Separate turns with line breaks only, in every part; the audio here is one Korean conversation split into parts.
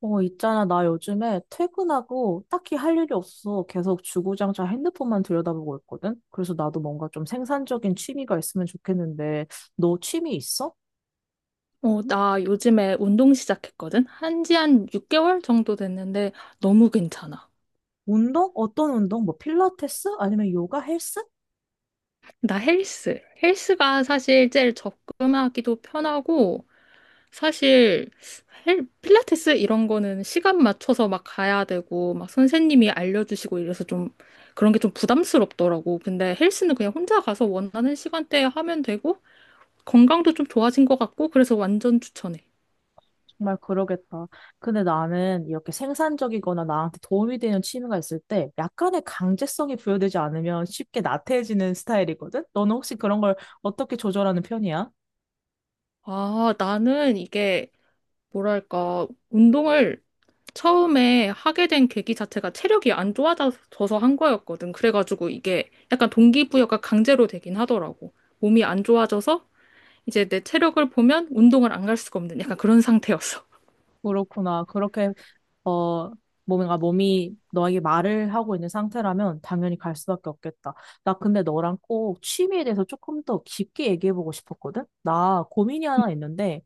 있잖아. 나 요즘에 퇴근하고 딱히 할 일이 없어. 계속 주구장창 핸드폰만 들여다보고 있거든? 그래서 나도 뭔가 좀 생산적인 취미가 있으면 좋겠는데, 너 취미 있어?
나 요즘에 운동 시작했거든? 한지 한 6개월 정도 됐는데 너무 괜찮아.
운동? 어떤 운동? 뭐 필라테스? 아니면 요가 헬스?
나 헬스. 헬스가 사실 제일 접근하기도 편하고, 사실 필라테스 이런 거는 시간 맞춰서 막 가야 되고, 막 선생님이 알려주시고 이래서 좀 그런 게 좀 부담스럽더라고. 근데 헬스는 그냥 혼자 가서 원하는 시간대에 하면 되고, 건강도 좀 좋아진 것 같고, 그래서 완전 추천해.
정말 그러겠다. 근데 나는 이렇게 생산적이거나 나한테 도움이 되는 취미가 있을 때 약간의 강제성이 부여되지 않으면 쉽게 나태해지는 스타일이거든? 너는 혹시 그런 걸 어떻게 조절하는 편이야?
아, 나는 이게 뭐랄까, 운동을 처음에 하게 된 계기 자체가 체력이 안 좋아져서 한 거였거든. 그래가지고 이게 약간 동기부여가 강제로 되긴 하더라고. 몸이 안 좋아져서 이제 내 체력을 보면 운동을 안 갈 수가 없는 약간 그런 상태였어.
그렇구나. 어, 뭔가 몸이 너에게 말을 하고 있는 상태라면 당연히 갈 수밖에 없겠다. 나 근데 너랑 꼭 취미에 대해서 조금 더 깊게 얘기해보고 싶었거든? 나 고민이 하나 있는데,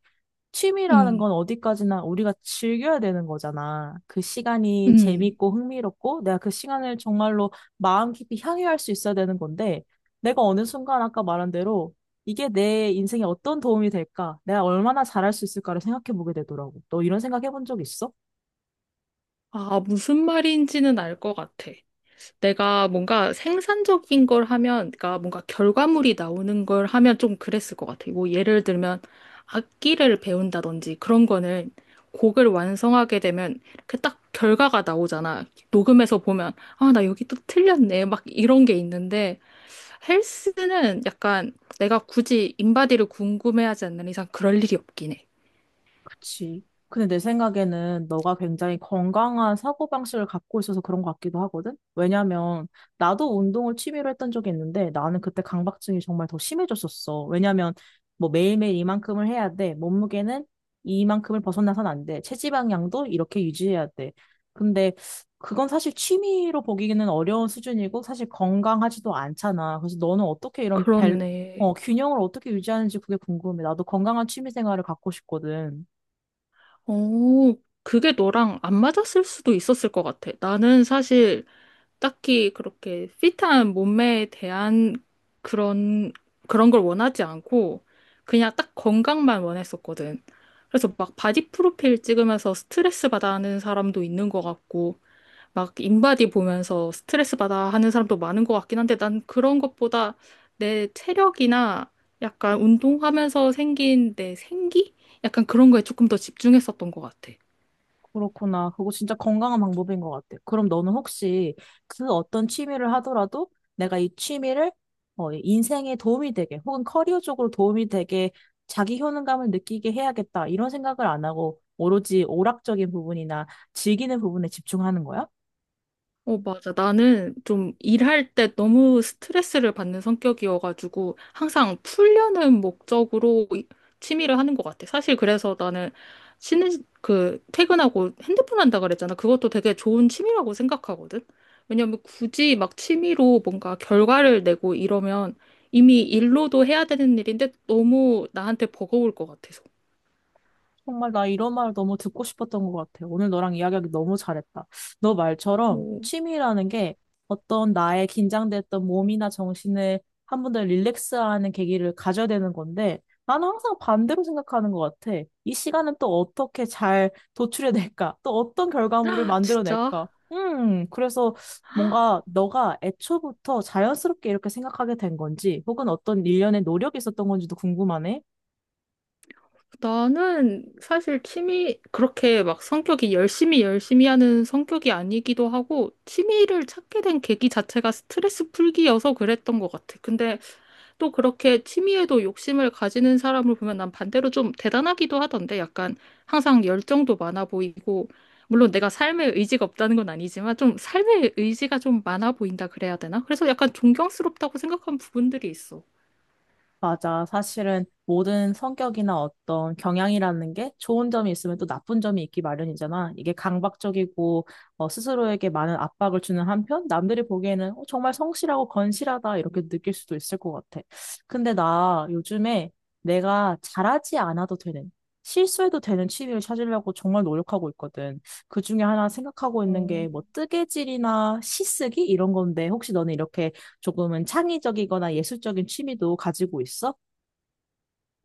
취미라는
음,
건 어디까지나 우리가 즐겨야 되는 거잖아. 그 시간이
음.
재밌고 흥미롭고, 내가 그 시간을 정말로 마음 깊이 향유할 수 있어야 되는 건데, 내가 어느 순간 아까 말한 대로 이게 내 인생에 어떤 도움이 될까? 내가 얼마나 잘할 수 있을까를 생각해보게 되더라고. 너 이런 생각 해본 적 있어?
아, 무슨 말인지는 알 것 같아. 내가 뭔가 생산적인 걸 하면, 그러니까 뭔가 결과물이 나오는 걸 하면 좀 그랬을 것 같아. 뭐 예를 들면 악기를 배운다든지 그런 거는 곡을 완성하게 되면 그 딱 결과가 나오잖아. 녹음해서 보면, 아, 나 여기 또 틀렸네. 막 이런 게 있는데 헬스는 약간 내가 굳이 인바디를 궁금해하지 않는 이상 그럴 일이 없긴 해.
그치. 근데 내 생각에는 너가 굉장히 건강한 사고방식을 갖고 있어서 그런 것 같기도 하거든? 왜냐면 나도 운동을 취미로 했던 적이 있는데 나는 그때 강박증이 정말 더 심해졌었어. 왜냐면 뭐 매일매일 이만큼을 해야 돼. 몸무게는 이만큼을 벗어나선 안 돼. 체지방량도 이렇게 유지해야 돼. 근데 그건 사실 취미로 보기에는 어려운 수준이고 사실 건강하지도 않잖아. 그래서 너는 어떻게
그렇네.
균형을 어떻게 유지하는지 그게 궁금해. 나도 건강한 취미 생활을 갖고 싶거든.
어, 그게 너랑 안 맞았을 수도 있었을 것 같아. 나는 사실 딱히 그렇게 핏한 몸매에 대한 그런, 그런 걸 원하지 않고 그냥 딱 건강만 원했었거든. 그래서 막 바디 프로필 찍으면서 스트레스 받아 하는 사람도 있는 것 같고, 막 인바디 보면서 스트레스 받아 하는 사람도 많은 것 같긴 한데, 난 그런 것보다 내 체력이나 약간 운동하면서 생긴 내 생기? 약간 그런 거에 조금 더 집중했었던 것 같아.
그렇구나. 그거 진짜 건강한 방법인 것 같아. 그럼 너는 혹시 그 어떤 취미를 하더라도 내가 이 취미를 인생에 도움이 되게 혹은 커리어 쪽으로 도움이 되게 자기 효능감을 느끼게 해야겠다. 이런 생각을 안 하고 오로지 오락적인 부분이나 즐기는 부분에 집중하는 거야?
어, 맞아. 나는 좀 일할 때 너무 스트레스를 받는 성격이어가지고 항상 풀려는 목적으로 취미를 하는 것 같아. 사실 그래서 나는 퇴근하고 핸드폰 한다 그랬잖아. 그것도 되게 좋은 취미라고 생각하거든. 왜냐면 굳이 막 취미로 뭔가 결과를 내고 이러면 이미 일로도 해야 되는 일인데 너무 나한테 버거울 것 같아서.
정말 나 이런 말 너무 듣고 싶었던 것 같아. 오늘 너랑 이야기하기 너무 잘했다. 너 말처럼
오,
취미라는 게 어떤 나의 긴장됐던 몸이나 정신을 한 번 더 릴렉스하는 계기를 가져야 되는 건데 나는 항상 반대로 생각하는 것 같아. 이 시간은 또 어떻게 잘 도출해낼까? 또 어떤 결과물을
진짜?
만들어낼까? 그래서 뭔가 너가 애초부터 자연스럽게 이렇게 생각하게 된 건지 혹은 어떤 일련의 노력이 있었던 건지도 궁금하네.
나는 사실 취미, 그렇게 막 성격이 열심히 열심히 하는 성격이 아니기도 하고, 취미를 찾게 된 계기 자체가 스트레스 풀기여서 그랬던 것 같아. 근데 또 그렇게 취미에도 욕심을 가지는 사람을 보면 난 반대로 좀 대단하기도 하던데, 약간 항상 열정도 많아 보이고, 물론 내가 삶에 의지가 없다는 건 아니지만, 좀 삶에 의지가 좀 많아 보인다 그래야 되나? 그래서 약간 존경스럽다고 생각한 부분들이 있어.
맞아. 사실은 모든 성격이나 어떤 경향이라는 게 좋은 점이 있으면 또 나쁜 점이 있기 마련이잖아. 이게 강박적이고 스스로에게 많은 압박을 주는 한편 남들이 보기에는 정말 성실하고 건실하다 이렇게 느낄 수도 있을 것 같아. 근데 나 요즘에 내가 잘하지 않아도 되는 실수해도 되는 취미를 찾으려고 정말 노력하고 있거든. 그 중에 하나 생각하고 있는 게 뭐 뜨개질이나 시쓰기 이런 건데 혹시 너는 이렇게 조금은 창의적이거나 예술적인 취미도 가지고 있어?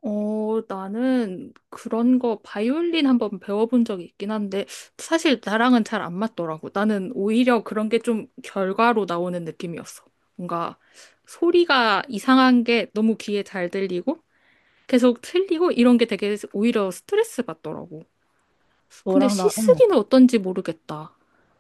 나는 그런 거 바이올린 한번 배워본 적이 있긴 한데 사실 나랑은 잘 안 맞더라고. 나는 오히려 그런 게 좀 결과로 나오는 느낌이었어. 뭔가 소리가 이상한 게 너무 귀에 잘 들리고 계속 틀리고 이런 게 되게 오히려 스트레스 받더라고. 근데
너랑 나, 어.
시쓰기는 어떤지 모르겠다.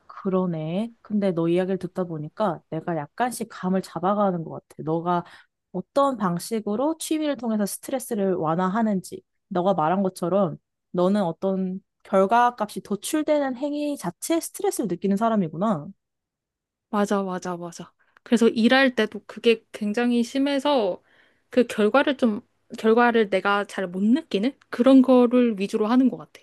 그러네. 근데 너 이야기를 듣다 보니까 내가 약간씩 감을 잡아가는 것 같아. 너가 어떤 방식으로 취미를 통해서 스트레스를 완화하는지. 너가 말한 것처럼 너는 어떤 결과값이 도출되는 행위 자체에 스트레스를 느끼는 사람이구나.
맞아, 맞아, 맞아. 그래서 일할 때도 그게 굉장히 심해서 그 결과를 내가 잘 못 느끼는 그런 거를 위주로 하는 것 같아.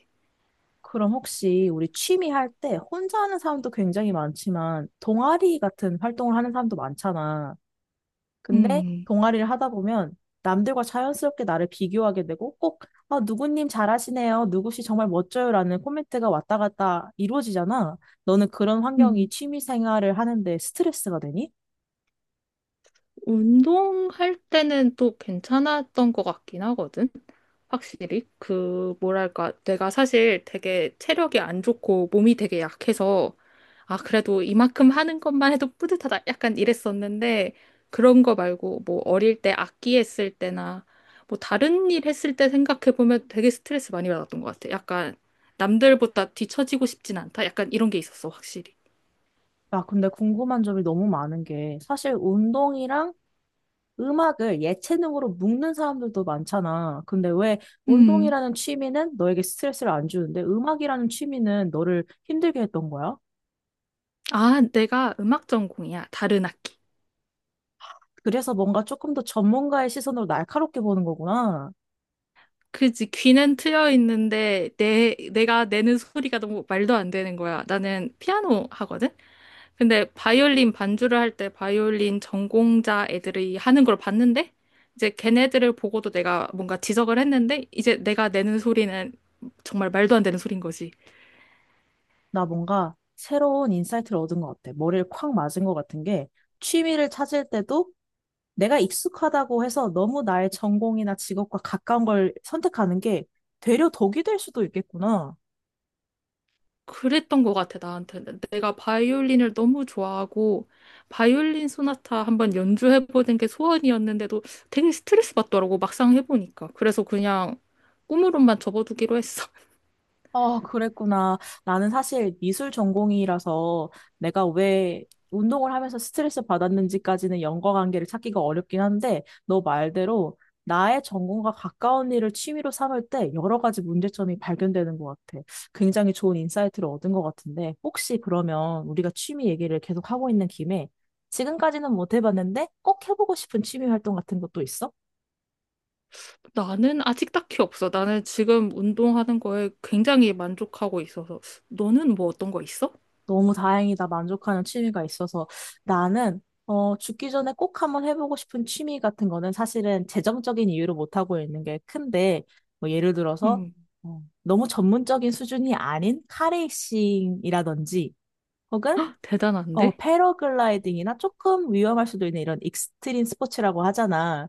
그럼 혹시 우리 취미 할 때 혼자 하는 사람도 굉장히 많지만 동아리 같은 활동을 하는 사람도 많잖아. 근데
음,
동아리를 하다 보면 남들과 자연스럽게 나를 비교하게 되고 꼭 아, 누구님 잘하시네요. 누구씨 정말 멋져요라는 코멘트가 왔다 갔다 이루어지잖아. 너는 그런 환경이
음.
취미 생활을 하는데 스트레스가 되니?
운동할 때는 또 괜찮았던 것 같긴 하거든. 확실히. 그, 뭐랄까. 내가 사실 되게 체력이 안 좋고 몸이 되게 약해서 아, 그래도 이만큼 하는 것만 해도 뿌듯하다. 약간 이랬었는데, 그런 거 말고, 뭐, 어릴 때 악기 했을 때나, 뭐, 다른 일 했을 때 생각해보면 되게 스트레스 많이 받았던 것 같아. 약간, 남들보다 뒤처지고 싶진 않다. 약간 이런 게 있었어, 확실히.
아, 근데 궁금한 점이 너무 많은 게 사실 운동이랑 음악을 예체능으로 묶는 사람들도 많잖아. 근데 왜
음.
운동이라는 취미는 너에게 스트레스를 안 주는데 음악이라는 취미는 너를 힘들게 했던 거야?
아, 내가 음악 전공이야. 다른 악기.
그래서 뭔가 조금 더 전문가의 시선으로 날카롭게 보는 거구나.
그지. 귀는 트여 있는데, 내가 내는 소리가 너무 말도 안 되는 거야. 나는 피아노 하거든? 근데 바이올린 반주를 할 때 바이올린 전공자 애들이 하는 걸 봤는데 이제 걔네들을 보고도 내가 뭔가 지적을 했는데 이제 내가 내는 소리는 정말 말도 안 되는 소린 거지.
나 뭔가 새로운 인사이트를 얻은 것 같아. 머리를 콱 맞은 것 같은 게 취미를 찾을 때도 내가 익숙하다고 해서 너무 나의 전공이나 직업과 가까운 걸 선택하는 게 되려 덕이 될 수도 있겠구나.
그랬던 것 같아 나한테. 내가 바이올린을 너무 좋아하고 바이올린 소나타 한번 연주해보는 게 소원이었는데도 되게 스트레스 받더라고 막상 해보니까. 그래서 그냥 꿈으로만 접어두기로 했어.
아, 그랬구나. 나는 사실 미술 전공이라서 내가 왜 운동을 하면서 스트레스 받았는지까지는 연관 관계를 찾기가 어렵긴 한데, 너 말대로 나의 전공과 가까운 일을 취미로 삼을 때 여러 가지 문제점이 발견되는 것 같아. 굉장히 좋은 인사이트를 얻은 것 같은데, 혹시 그러면 우리가 취미 얘기를 계속 하고 있는 김에 지금까지는 못 해봤는데 꼭 해보고 싶은 취미 활동 같은 것도 있어?
나는 아직 딱히 없어. 나는 지금 운동하는 거에 굉장히 만족하고 있어서. 너는 뭐 어떤 거 있어?
너무 다행이다. 만족하는 취미가 있어서 나는 죽기 전에 꼭 한번 해보고 싶은 취미 같은 거는 사실은 재정적인 이유로 못하고 있는 게 큰데 뭐 예를 들어서
음,
어, 너무 전문적인 수준이 아닌 카레이싱이라든지 혹은
대단한데?
패러글라이딩이나 조금 위험할 수도 있는 이런 익스트림 스포츠라고 하잖아.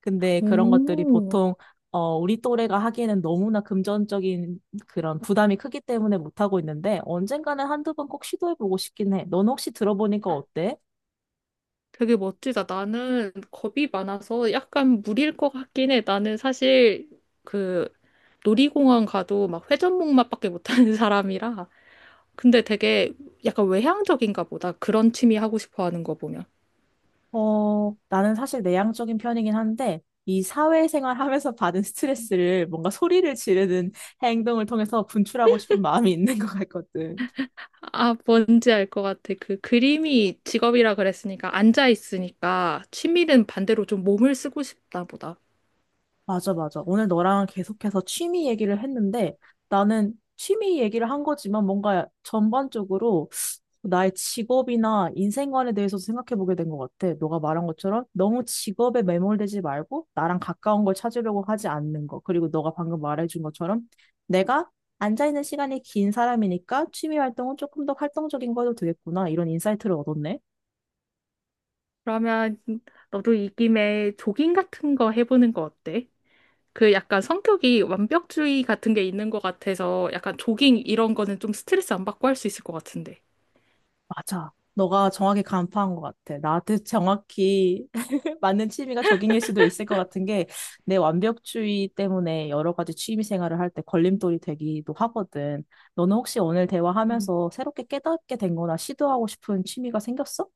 근데 그런 것들이
오,
보통 어, 우리 또래가 하기에는 너무나 금전적인 그런 부담이 크기 때문에 못하고 있는데 언젠가는 한두 번 꼭 시도해보고 싶긴 해. 넌 혹시 들어보니까 어때?
되게 멋지다. 나는 겁이 많아서 약간 무리일 것 같긴 해. 나는 사실 그 놀이공원 가도 막 회전목마밖에 못하는 사람이라. 근데 되게 약간 외향적인가 보다. 그런 취미 하고 싶어 하는 거 보면.
나는 사실 내향적인 편이긴 한데, 이 사회생활 하면서 받은 스트레스를 뭔가 소리를 지르는 행동을 통해서 분출하고 싶은 마음이 있는 것 같거든.
아, 뭔지 알 것 같아. 그 그림이 직업이라 그랬으니까 앉아 있으니까 취미는 반대로 좀 몸을 쓰고 싶다 보다.
맞아, 맞아. 오늘 너랑 계속해서 취미 얘기를 했는데 나는 취미 얘기를 한 거지만 뭔가 전반적으로 나의 직업이나 인생관에 대해서 생각해 보게 된 것 같아. 너가 말한 것처럼 너무 직업에 매몰되지 말고 나랑 가까운 걸 찾으려고 하지 않는 거. 그리고 너가 방금 말해준 것처럼 내가 앉아있는 시간이 긴 사람이니까 취미 활동은 조금 더 활동적인 거 해도 되겠구나. 이런 인사이트를 얻었네.
그러면 너도 이 김에 조깅 같은 거 해보는 거 어때? 그 약간 성격이 완벽주의 같은 게 있는 것 같아서 약간 조깅 이런 거는 좀 스트레스 안 받고 할 수 있을 것 같은데.
맞아. 너가 정확히 간파한 것 같아. 나한테 정확히 맞는 취미가 조깅일 수도 있을 것 같은 게 내 완벽주의 때문에 여러 가지 취미 생활을 할 때 걸림돌이 되기도 하거든. 너는 혹시 오늘
음.
대화하면서 새롭게 깨닫게 된 거나 시도하고 싶은 취미가 생겼어?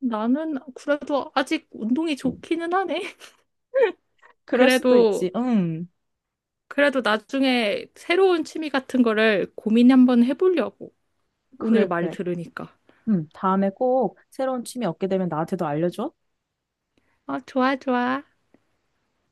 나는 그래도 아직 운동이 좋기는 하네.
그럴 수도
그래도
있지. 응.
나중에 새로운 취미 같은 거를 고민 한번 해보려고. 오늘
그래,
말
그래.
들으니까.
응. 다음에 꼭 새로운 취미 얻게 되면 나한테도 알려줘.
어, 좋아, 좋아.